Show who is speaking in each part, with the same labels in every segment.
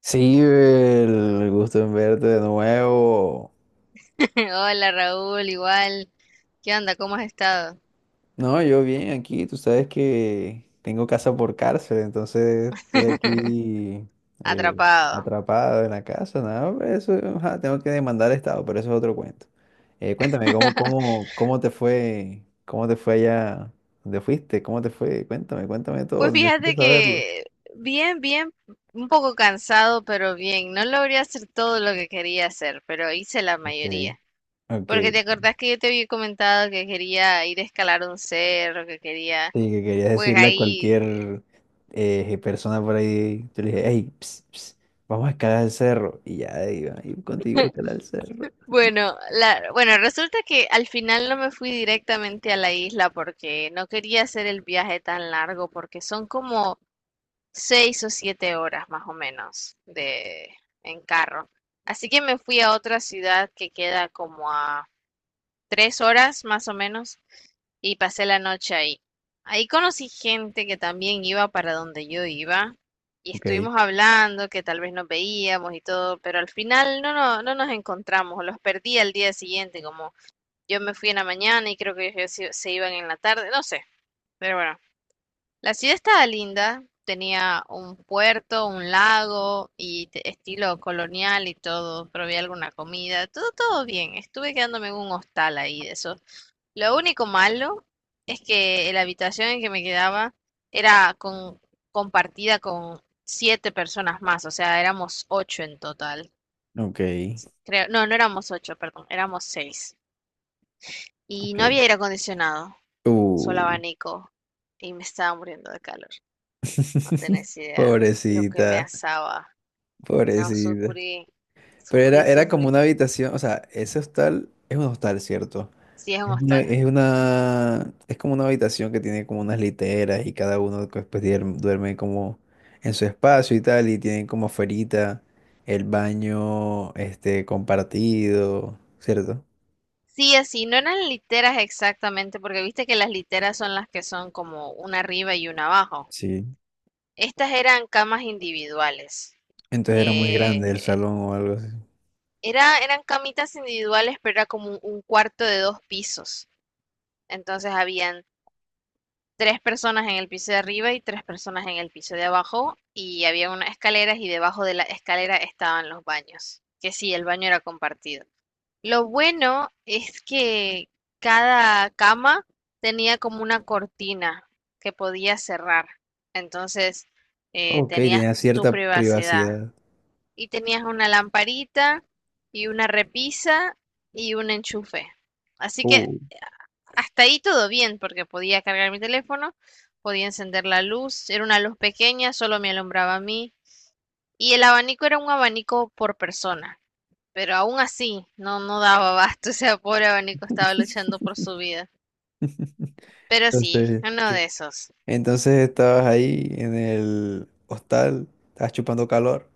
Speaker 1: Sí, el gusto en verte de nuevo.
Speaker 2: Hola Raúl, igual. ¿Qué onda? ¿Cómo has estado?
Speaker 1: No, yo bien aquí, tú sabes que tengo casa por cárcel, entonces estoy aquí eh,
Speaker 2: Atrapado.
Speaker 1: atrapado en la casa, nada, pero eso, ajá, tengo que demandar al Estado, pero eso es otro cuento. Cuéntame, ¿cómo te fue, cómo te fue allá donde fuiste? ¿Cómo te fue? Cuéntame, cuéntame
Speaker 2: Pues
Speaker 1: todo, necesito
Speaker 2: fíjate
Speaker 1: saberlo.
Speaker 2: que bien, bien, un poco cansado, pero bien. No logré hacer todo lo que quería hacer, pero hice la
Speaker 1: Ok,
Speaker 2: mayoría.
Speaker 1: ok.
Speaker 2: Porque te acordás que yo te había comentado que quería ir a escalar un cerro, que quería,
Speaker 1: Sí, que quería
Speaker 2: pues
Speaker 1: decirle a
Speaker 2: ahí,
Speaker 1: cualquier persona por ahí, yo le dije, hey, vamos a escalar el cerro. Y ya iba a ir contigo a escalar el cerro.
Speaker 2: bueno, bueno, resulta que al final no me fui directamente a la isla porque no quería hacer el viaje tan largo, porque son como 6 o 7 horas más o menos en carro. Así que me fui a otra ciudad que queda como a 3 horas más o menos y pasé la noche ahí. Ahí conocí gente que también iba para donde yo iba y
Speaker 1: Ok,
Speaker 2: estuvimos hablando que tal vez nos veíamos y todo, pero al final no, no, no nos encontramos, los perdí al día siguiente, como yo me fui en la mañana y creo que ellos se iban en la tarde, no sé, pero bueno, la ciudad estaba linda, tenía un puerto, un lago y estilo colonial y todo. Probé alguna comida, todo, todo bien. Estuve quedándome en un hostal ahí de eso. Lo único malo es que la habitación en que me quedaba era compartida con siete personas más, o sea, éramos ocho en total.
Speaker 1: ok,
Speaker 2: Creo, no, no éramos ocho, perdón, éramos seis. Y no
Speaker 1: ok.
Speaker 2: había aire acondicionado, solo
Speaker 1: Uh.
Speaker 2: abanico. Y me estaba muriendo de calor. No tenés idea lo que me
Speaker 1: Pobrecita,
Speaker 2: asaba. No,
Speaker 1: pobrecita.
Speaker 2: sufrí,
Speaker 1: Pero
Speaker 2: sufrí,
Speaker 1: era como
Speaker 2: sufrí.
Speaker 1: una habitación, o sea, ese hostal es un hostal, ¿cierto?
Speaker 2: Sí, es un hostal.
Speaker 1: Es como una habitación que tiene como unas literas y cada uno después duerme como en su espacio y tal, y tienen como afuerita el baño este compartido, ¿cierto?
Speaker 2: Sí, así, no eran literas exactamente, porque viste que las literas son las que son como una arriba y una abajo.
Speaker 1: Sí.
Speaker 2: Estas eran camas individuales.
Speaker 1: Entonces era muy grande el
Speaker 2: Eh,
Speaker 1: salón o algo así.
Speaker 2: eran camitas individuales, pero era como un cuarto de dos pisos. Entonces habían tres personas en el piso de arriba y tres personas en el piso de abajo y había unas escaleras y debajo de la escalera estaban los baños, que sí, el baño era compartido. Lo bueno es que cada cama tenía como una cortina que podías cerrar, entonces
Speaker 1: Ok,
Speaker 2: tenías
Speaker 1: tenía
Speaker 2: tu
Speaker 1: cierta
Speaker 2: privacidad
Speaker 1: privacidad.
Speaker 2: y tenías una lamparita y una repisa y un enchufe. Así que
Speaker 1: Uh,
Speaker 2: hasta ahí todo bien, porque podía cargar mi teléfono, podía encender la luz, era una luz pequeña, solo me alumbraba a mí, y el abanico era un abanico por persona, pero aún así no daba abasto, o sea, pobre abanico estaba luchando por su vida. Pero sí,
Speaker 1: entonces.
Speaker 2: uno de esos.
Speaker 1: Entonces estabas ahí en el hostal, estabas chupando calor.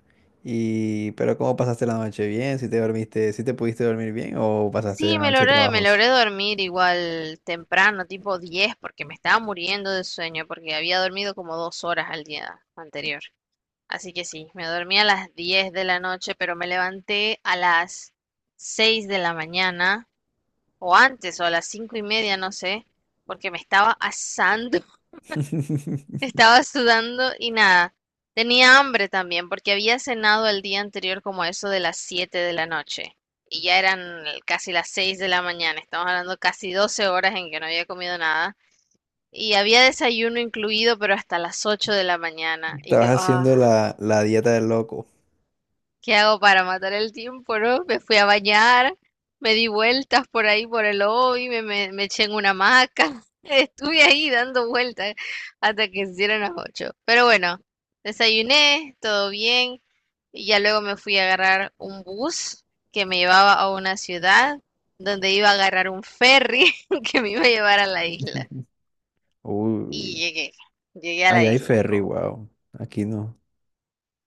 Speaker 1: Y, pero ¿cómo pasaste la noche? ¿Bien? ¿Si te dormiste, si te pudiste dormir bien o pasaste
Speaker 2: Sí,
Speaker 1: la
Speaker 2: me
Speaker 1: noche
Speaker 2: logré, me
Speaker 1: trabajos?
Speaker 2: logré dormir igual temprano, tipo 10, porque me estaba muriendo de sueño, porque había dormido como 2 horas al día anterior. Así que sí, me dormí a las 10 de la noche, pero me levanté a las 6 de la mañana, o antes, o a las 5 y media, no sé, porque me estaba asando, estaba sudando y nada. Tenía hambre también, porque había cenado el día anterior como a eso de las 7 de la noche. Y ya eran casi las 6 de la mañana, estamos hablando casi 12 horas en que no había comido nada. Y había desayuno incluido, pero hasta las 8 de la mañana. Y
Speaker 1: Estabas
Speaker 2: yo,
Speaker 1: haciendo la dieta del loco.
Speaker 2: ¿qué hago para matar el tiempo, no? Me fui a bañar, me di vueltas por ahí por el lobby, me eché en una hamaca. Estuve ahí dando vueltas hasta que se hicieron las 8. Pero bueno, desayuné, todo bien, y ya luego me fui a agarrar un bus que me llevaba a una ciudad donde iba a agarrar un ferry que me iba a llevar a la isla. Y
Speaker 1: Uy,
Speaker 2: llegué a la
Speaker 1: allá hay
Speaker 2: isla.
Speaker 1: ferry, wow. Aquí no.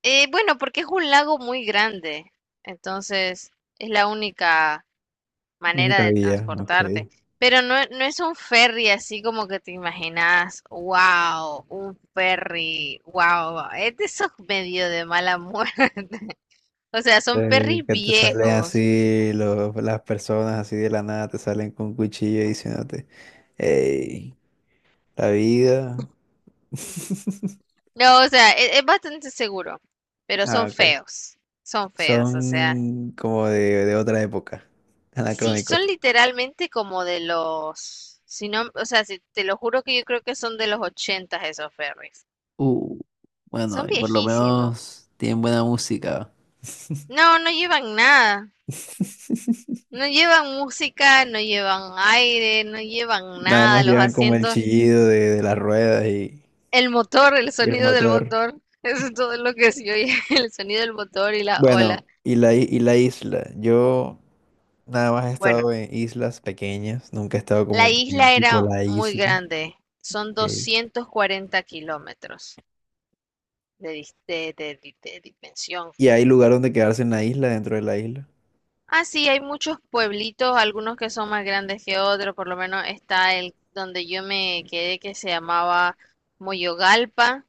Speaker 2: Bueno, porque es un lago muy grande, entonces es la única
Speaker 1: En mi
Speaker 2: manera de
Speaker 1: Cabilla, ok.
Speaker 2: transportarte. Pero no, no es un ferry así como que te imaginas, wow, un ferry, wow, es de esos medio de mala muerte. O sea, son ferries
Speaker 1: Que te salen
Speaker 2: viejos.
Speaker 1: así las personas así de la nada, te salen con cuchillo y diciéndote, hey, la vida.
Speaker 2: No, o sea, es, bastante seguro, pero
Speaker 1: Ah, ok.
Speaker 2: son feos, o sea.
Speaker 1: Son como de otra época,
Speaker 2: Sí, son
Speaker 1: anacrónicos.
Speaker 2: literalmente como de los, si no, o sea, te lo juro que yo creo que son de los ochentas esos ferries.
Speaker 1: Uh, bueno,
Speaker 2: Son
Speaker 1: por lo
Speaker 2: viejísimos.
Speaker 1: menos tienen buena música.
Speaker 2: No, no llevan nada. No llevan música, no llevan aire, no llevan
Speaker 1: Nada más
Speaker 2: nada. Los
Speaker 1: llevan como el
Speaker 2: asientos,
Speaker 1: chillido de las ruedas
Speaker 2: el motor, el
Speaker 1: y el
Speaker 2: sonido del
Speaker 1: motor.
Speaker 2: motor. Eso es todo lo que se oye, el sonido del motor y la ola.
Speaker 1: Bueno, y la isla. Yo nada más he
Speaker 2: Bueno,
Speaker 1: estado en islas pequeñas, nunca he estado
Speaker 2: la
Speaker 1: como en
Speaker 2: isla
Speaker 1: tipo
Speaker 2: era
Speaker 1: la
Speaker 2: muy
Speaker 1: isla.
Speaker 2: grande. Son
Speaker 1: Ok.
Speaker 2: 240 kilómetros de, dis- de dimensión.
Speaker 1: Y hay lugar donde quedarse en la isla, dentro de la isla.
Speaker 2: Ah, sí, hay muchos pueblitos, algunos que son más grandes que otros, por lo menos está el donde yo me quedé que se llamaba Moyogalpa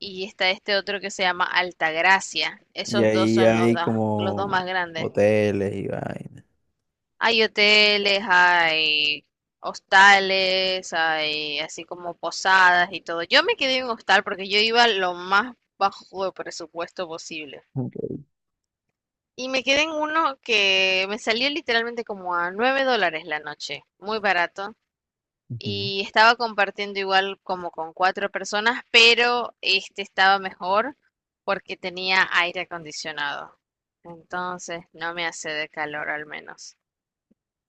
Speaker 2: y está este otro que se llama Altagracia.
Speaker 1: Y
Speaker 2: Esos dos
Speaker 1: ahí
Speaker 2: son los
Speaker 1: hay
Speaker 2: dos, los dos
Speaker 1: como
Speaker 2: más grandes.
Speaker 1: hoteles y vainas.
Speaker 2: Hay hoteles, hay hostales, hay así como posadas y todo. Yo me quedé en un hostal porque yo iba lo más bajo de presupuesto posible.
Speaker 1: Ok.
Speaker 2: Y me quedé en uno que me salió literalmente como a $9 la noche, muy barato. Y estaba compartiendo igual como con cuatro personas, pero este estaba mejor porque tenía aire acondicionado. Entonces no me hace de calor al menos.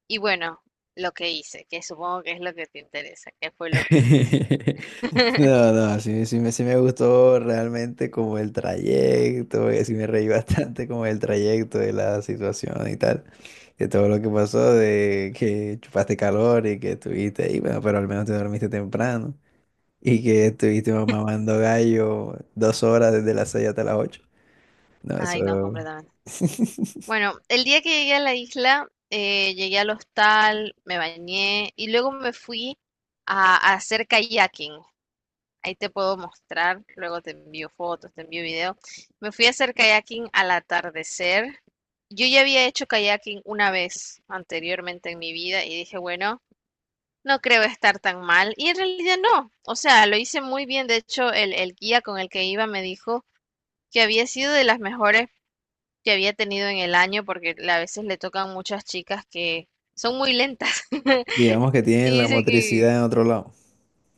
Speaker 2: Y bueno, lo que hice, que supongo que es lo que te interesa, que fue lo que hice.
Speaker 1: No, no, sí, sí me gustó realmente como el trayecto, sí me reí bastante como el trayecto de la situación y tal, de todo lo que pasó, de que chupaste calor y que estuviste ahí, bueno, pero al menos te dormiste temprano y que estuviste mamando gallo 2 horas desde las seis hasta las ocho. No,
Speaker 2: Ay, no,
Speaker 1: eso,
Speaker 2: completamente. Bueno, el día que llegué a la isla, llegué al hostal, me bañé y luego me fui a hacer kayaking. Ahí te puedo mostrar, luego te envío fotos, te envío videos. Me fui a hacer kayaking al atardecer. Yo ya había hecho kayaking una vez anteriormente en mi vida y dije, bueno, no creo estar tan mal. Y en realidad no. O sea, lo hice muy bien. De hecho, el guía con el que iba me dijo que había sido de las mejores que había tenido en el año, porque a veces le tocan muchas chicas que son muy lentas.
Speaker 1: digamos que tienen
Speaker 2: Y
Speaker 1: la
Speaker 2: dice
Speaker 1: motricidad
Speaker 2: que
Speaker 1: en otro lado.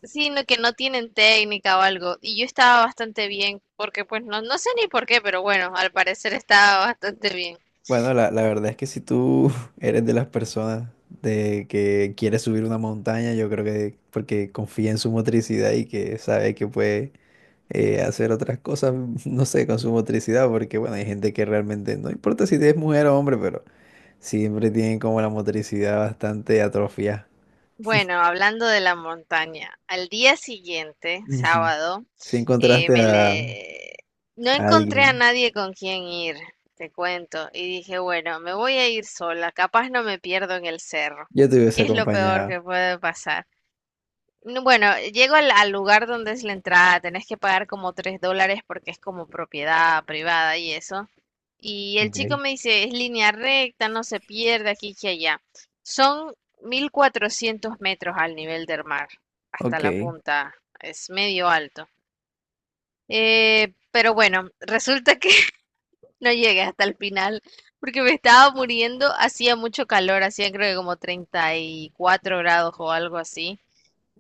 Speaker 2: sí, no, que no tienen técnica o algo. Y yo estaba bastante bien, porque pues no, no sé ni por qué, pero bueno, al parecer estaba bastante bien.
Speaker 1: Bueno, la verdad es que si tú eres de las personas de que quiere subir una montaña, yo creo que porque confía en su motricidad y que sabe que puede hacer otras cosas, no sé, con su motricidad, porque bueno, hay gente que realmente no importa si es mujer o hombre, pero siempre tienen como la motricidad bastante atrofiada.
Speaker 2: Bueno, hablando de la montaña, al día siguiente,
Speaker 1: Ujú.
Speaker 2: sábado,
Speaker 1: Si
Speaker 2: eh,
Speaker 1: encontraste
Speaker 2: me
Speaker 1: a
Speaker 2: le... no encontré a
Speaker 1: alguien,
Speaker 2: nadie con quien ir, te cuento, y dije, bueno, me voy a ir sola, capaz no me pierdo en el cerro,
Speaker 1: yo te
Speaker 2: que
Speaker 1: hubiese
Speaker 2: es lo peor
Speaker 1: acompañado.
Speaker 2: que puede pasar. No, bueno, llego al lugar donde es la entrada, tenés que pagar como $3 porque es como propiedad privada y eso. Y el
Speaker 1: Ok,
Speaker 2: chico me dice, es línea recta, no se pierde aquí y allá. Son 1.400 metros al nivel del mar, hasta
Speaker 1: ok,
Speaker 2: la punta, es medio alto. Pero bueno, resulta que no llegué hasta el final porque me estaba muriendo, hacía mucho calor, hacía creo que como 34 grados o algo así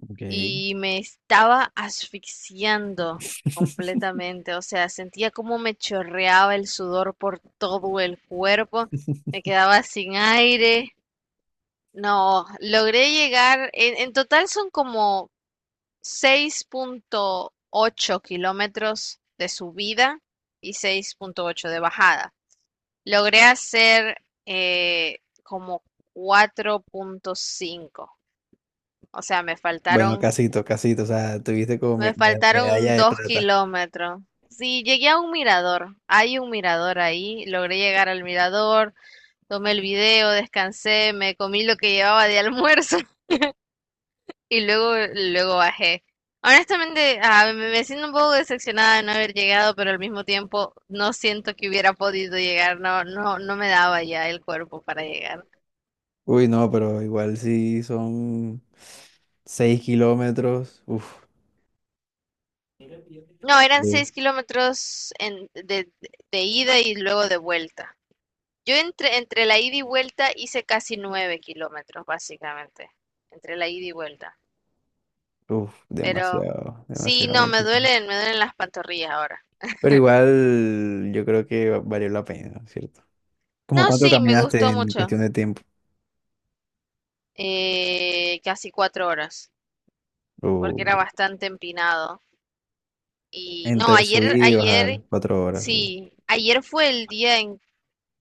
Speaker 1: ok.
Speaker 2: y me estaba asfixiando completamente, o sea, sentía como me chorreaba el sudor por todo el cuerpo, me quedaba sin aire, no, logré llegar, en total son como 6,8 kilómetros de subida y 6,8 de bajada. Logré hacer como 4,5, o sea,
Speaker 1: Bueno, casito, casito, o sea, tuviste como
Speaker 2: me
Speaker 1: medalla
Speaker 2: faltaron
Speaker 1: de
Speaker 2: dos
Speaker 1: plata.
Speaker 2: kilómetros. Sí, llegué a un mirador. Hay un mirador ahí. Logré llegar al mirador, tomé el video, descansé, me comí lo que llevaba de almuerzo y luego bajé. Honestamente, me siento un poco decepcionada de no haber llegado, pero al mismo tiempo no siento que hubiera podido llegar. No, no, no me daba ya el cuerpo para llegar.
Speaker 1: Uy, no, pero igual sí son 6 kilómetros. Uf,
Speaker 2: No, eran
Speaker 1: es-
Speaker 2: 6 kilómetros de ida y luego de vuelta. Yo entre la ida y vuelta hice casi 9 kilómetros, básicamente, entre la ida y vuelta.
Speaker 1: uf,
Speaker 2: Pero
Speaker 1: demasiado,
Speaker 2: sí,
Speaker 1: demasiado,
Speaker 2: no, me
Speaker 1: muchísimo.
Speaker 2: duelen, me duelen las pantorrillas ahora.
Speaker 1: Pero igual yo creo que valió la pena, ¿cierto? ¿Cómo
Speaker 2: No,
Speaker 1: cuánto
Speaker 2: sí, me
Speaker 1: caminaste
Speaker 2: gustó
Speaker 1: en
Speaker 2: mucho,
Speaker 1: cuestión de tiempo?
Speaker 2: casi 4 horas, porque
Speaker 1: O
Speaker 2: era bastante empinado. Y no,
Speaker 1: entre subir
Speaker 2: ayer,
Speaker 1: y bajar,
Speaker 2: ayer,
Speaker 1: 4 horas. O-
Speaker 2: sí, ayer fue el día en,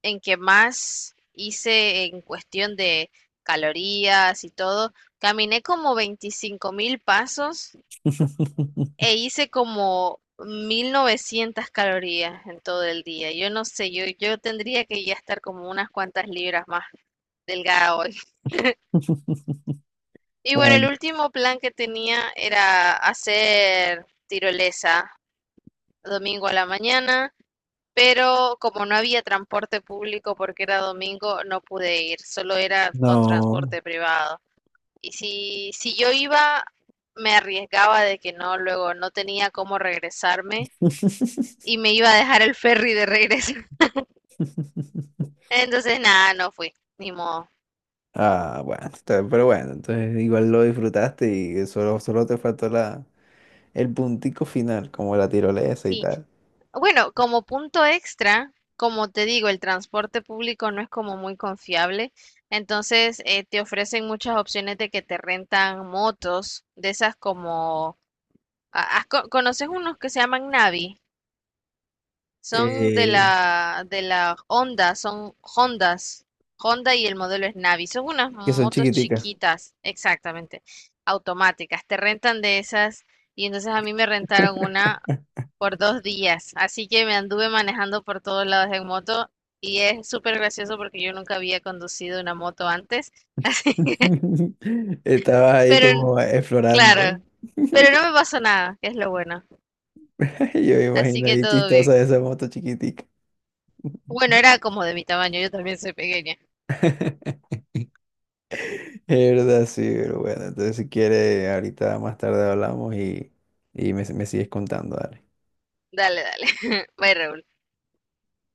Speaker 2: en que más hice en cuestión de calorías y todo. Caminé como 25.000 pasos e hice como 1.900 calorías en todo el día. Yo no sé, yo tendría que ya estar como unas cuantas libras más delgada hoy. Y bueno, el
Speaker 1: Bueno,
Speaker 2: último plan que tenía era hacer tirolesa domingo a la mañana, pero como no había transporte público porque era domingo, no pude ir, solo era con
Speaker 1: no.
Speaker 2: transporte privado. Y si yo iba, me arriesgaba de que no, luego no tenía cómo regresarme y me iba a dejar el ferry de regreso. Entonces, nada, no fui, ni modo.
Speaker 1: Ah, bueno, pero bueno, entonces igual lo disfrutaste y solo, solo te faltó el puntico final, como la tirolesa y
Speaker 2: Sí,
Speaker 1: tal,
Speaker 2: bueno, como punto extra, como te digo, el transporte público no es como muy confiable. Entonces, te ofrecen muchas opciones de que te rentan motos, de esas como... ¿Conoces unos que se llaman Navi? Son de
Speaker 1: eh,
Speaker 2: la, de la Honda, son Hondas. Honda y el modelo es Navi. Son unas
Speaker 1: que son
Speaker 2: motos
Speaker 1: chiquiticas.
Speaker 2: chiquitas, exactamente, automáticas. Te rentan de esas y entonces a mí me rentaron una por 2 días. Así que me anduve manejando por todos lados en moto y es súper gracioso porque yo nunca había conducido una moto antes.
Speaker 1: Estabas ahí
Speaker 2: Pero
Speaker 1: como explorando.
Speaker 2: claro, pero no me pasó nada, que es lo bueno.
Speaker 1: Yo me
Speaker 2: Así
Speaker 1: imagino
Speaker 2: que
Speaker 1: ahí
Speaker 2: todo bien.
Speaker 1: chistosa esa moto chiquitica.
Speaker 2: Bueno, era como de mi tamaño, yo también soy pequeña.
Speaker 1: Es verdad, sí, pero bueno, entonces si quieres, ahorita más tarde hablamos y, me sigues contando, dale.
Speaker 2: Dale, dale. Bye, Raúl.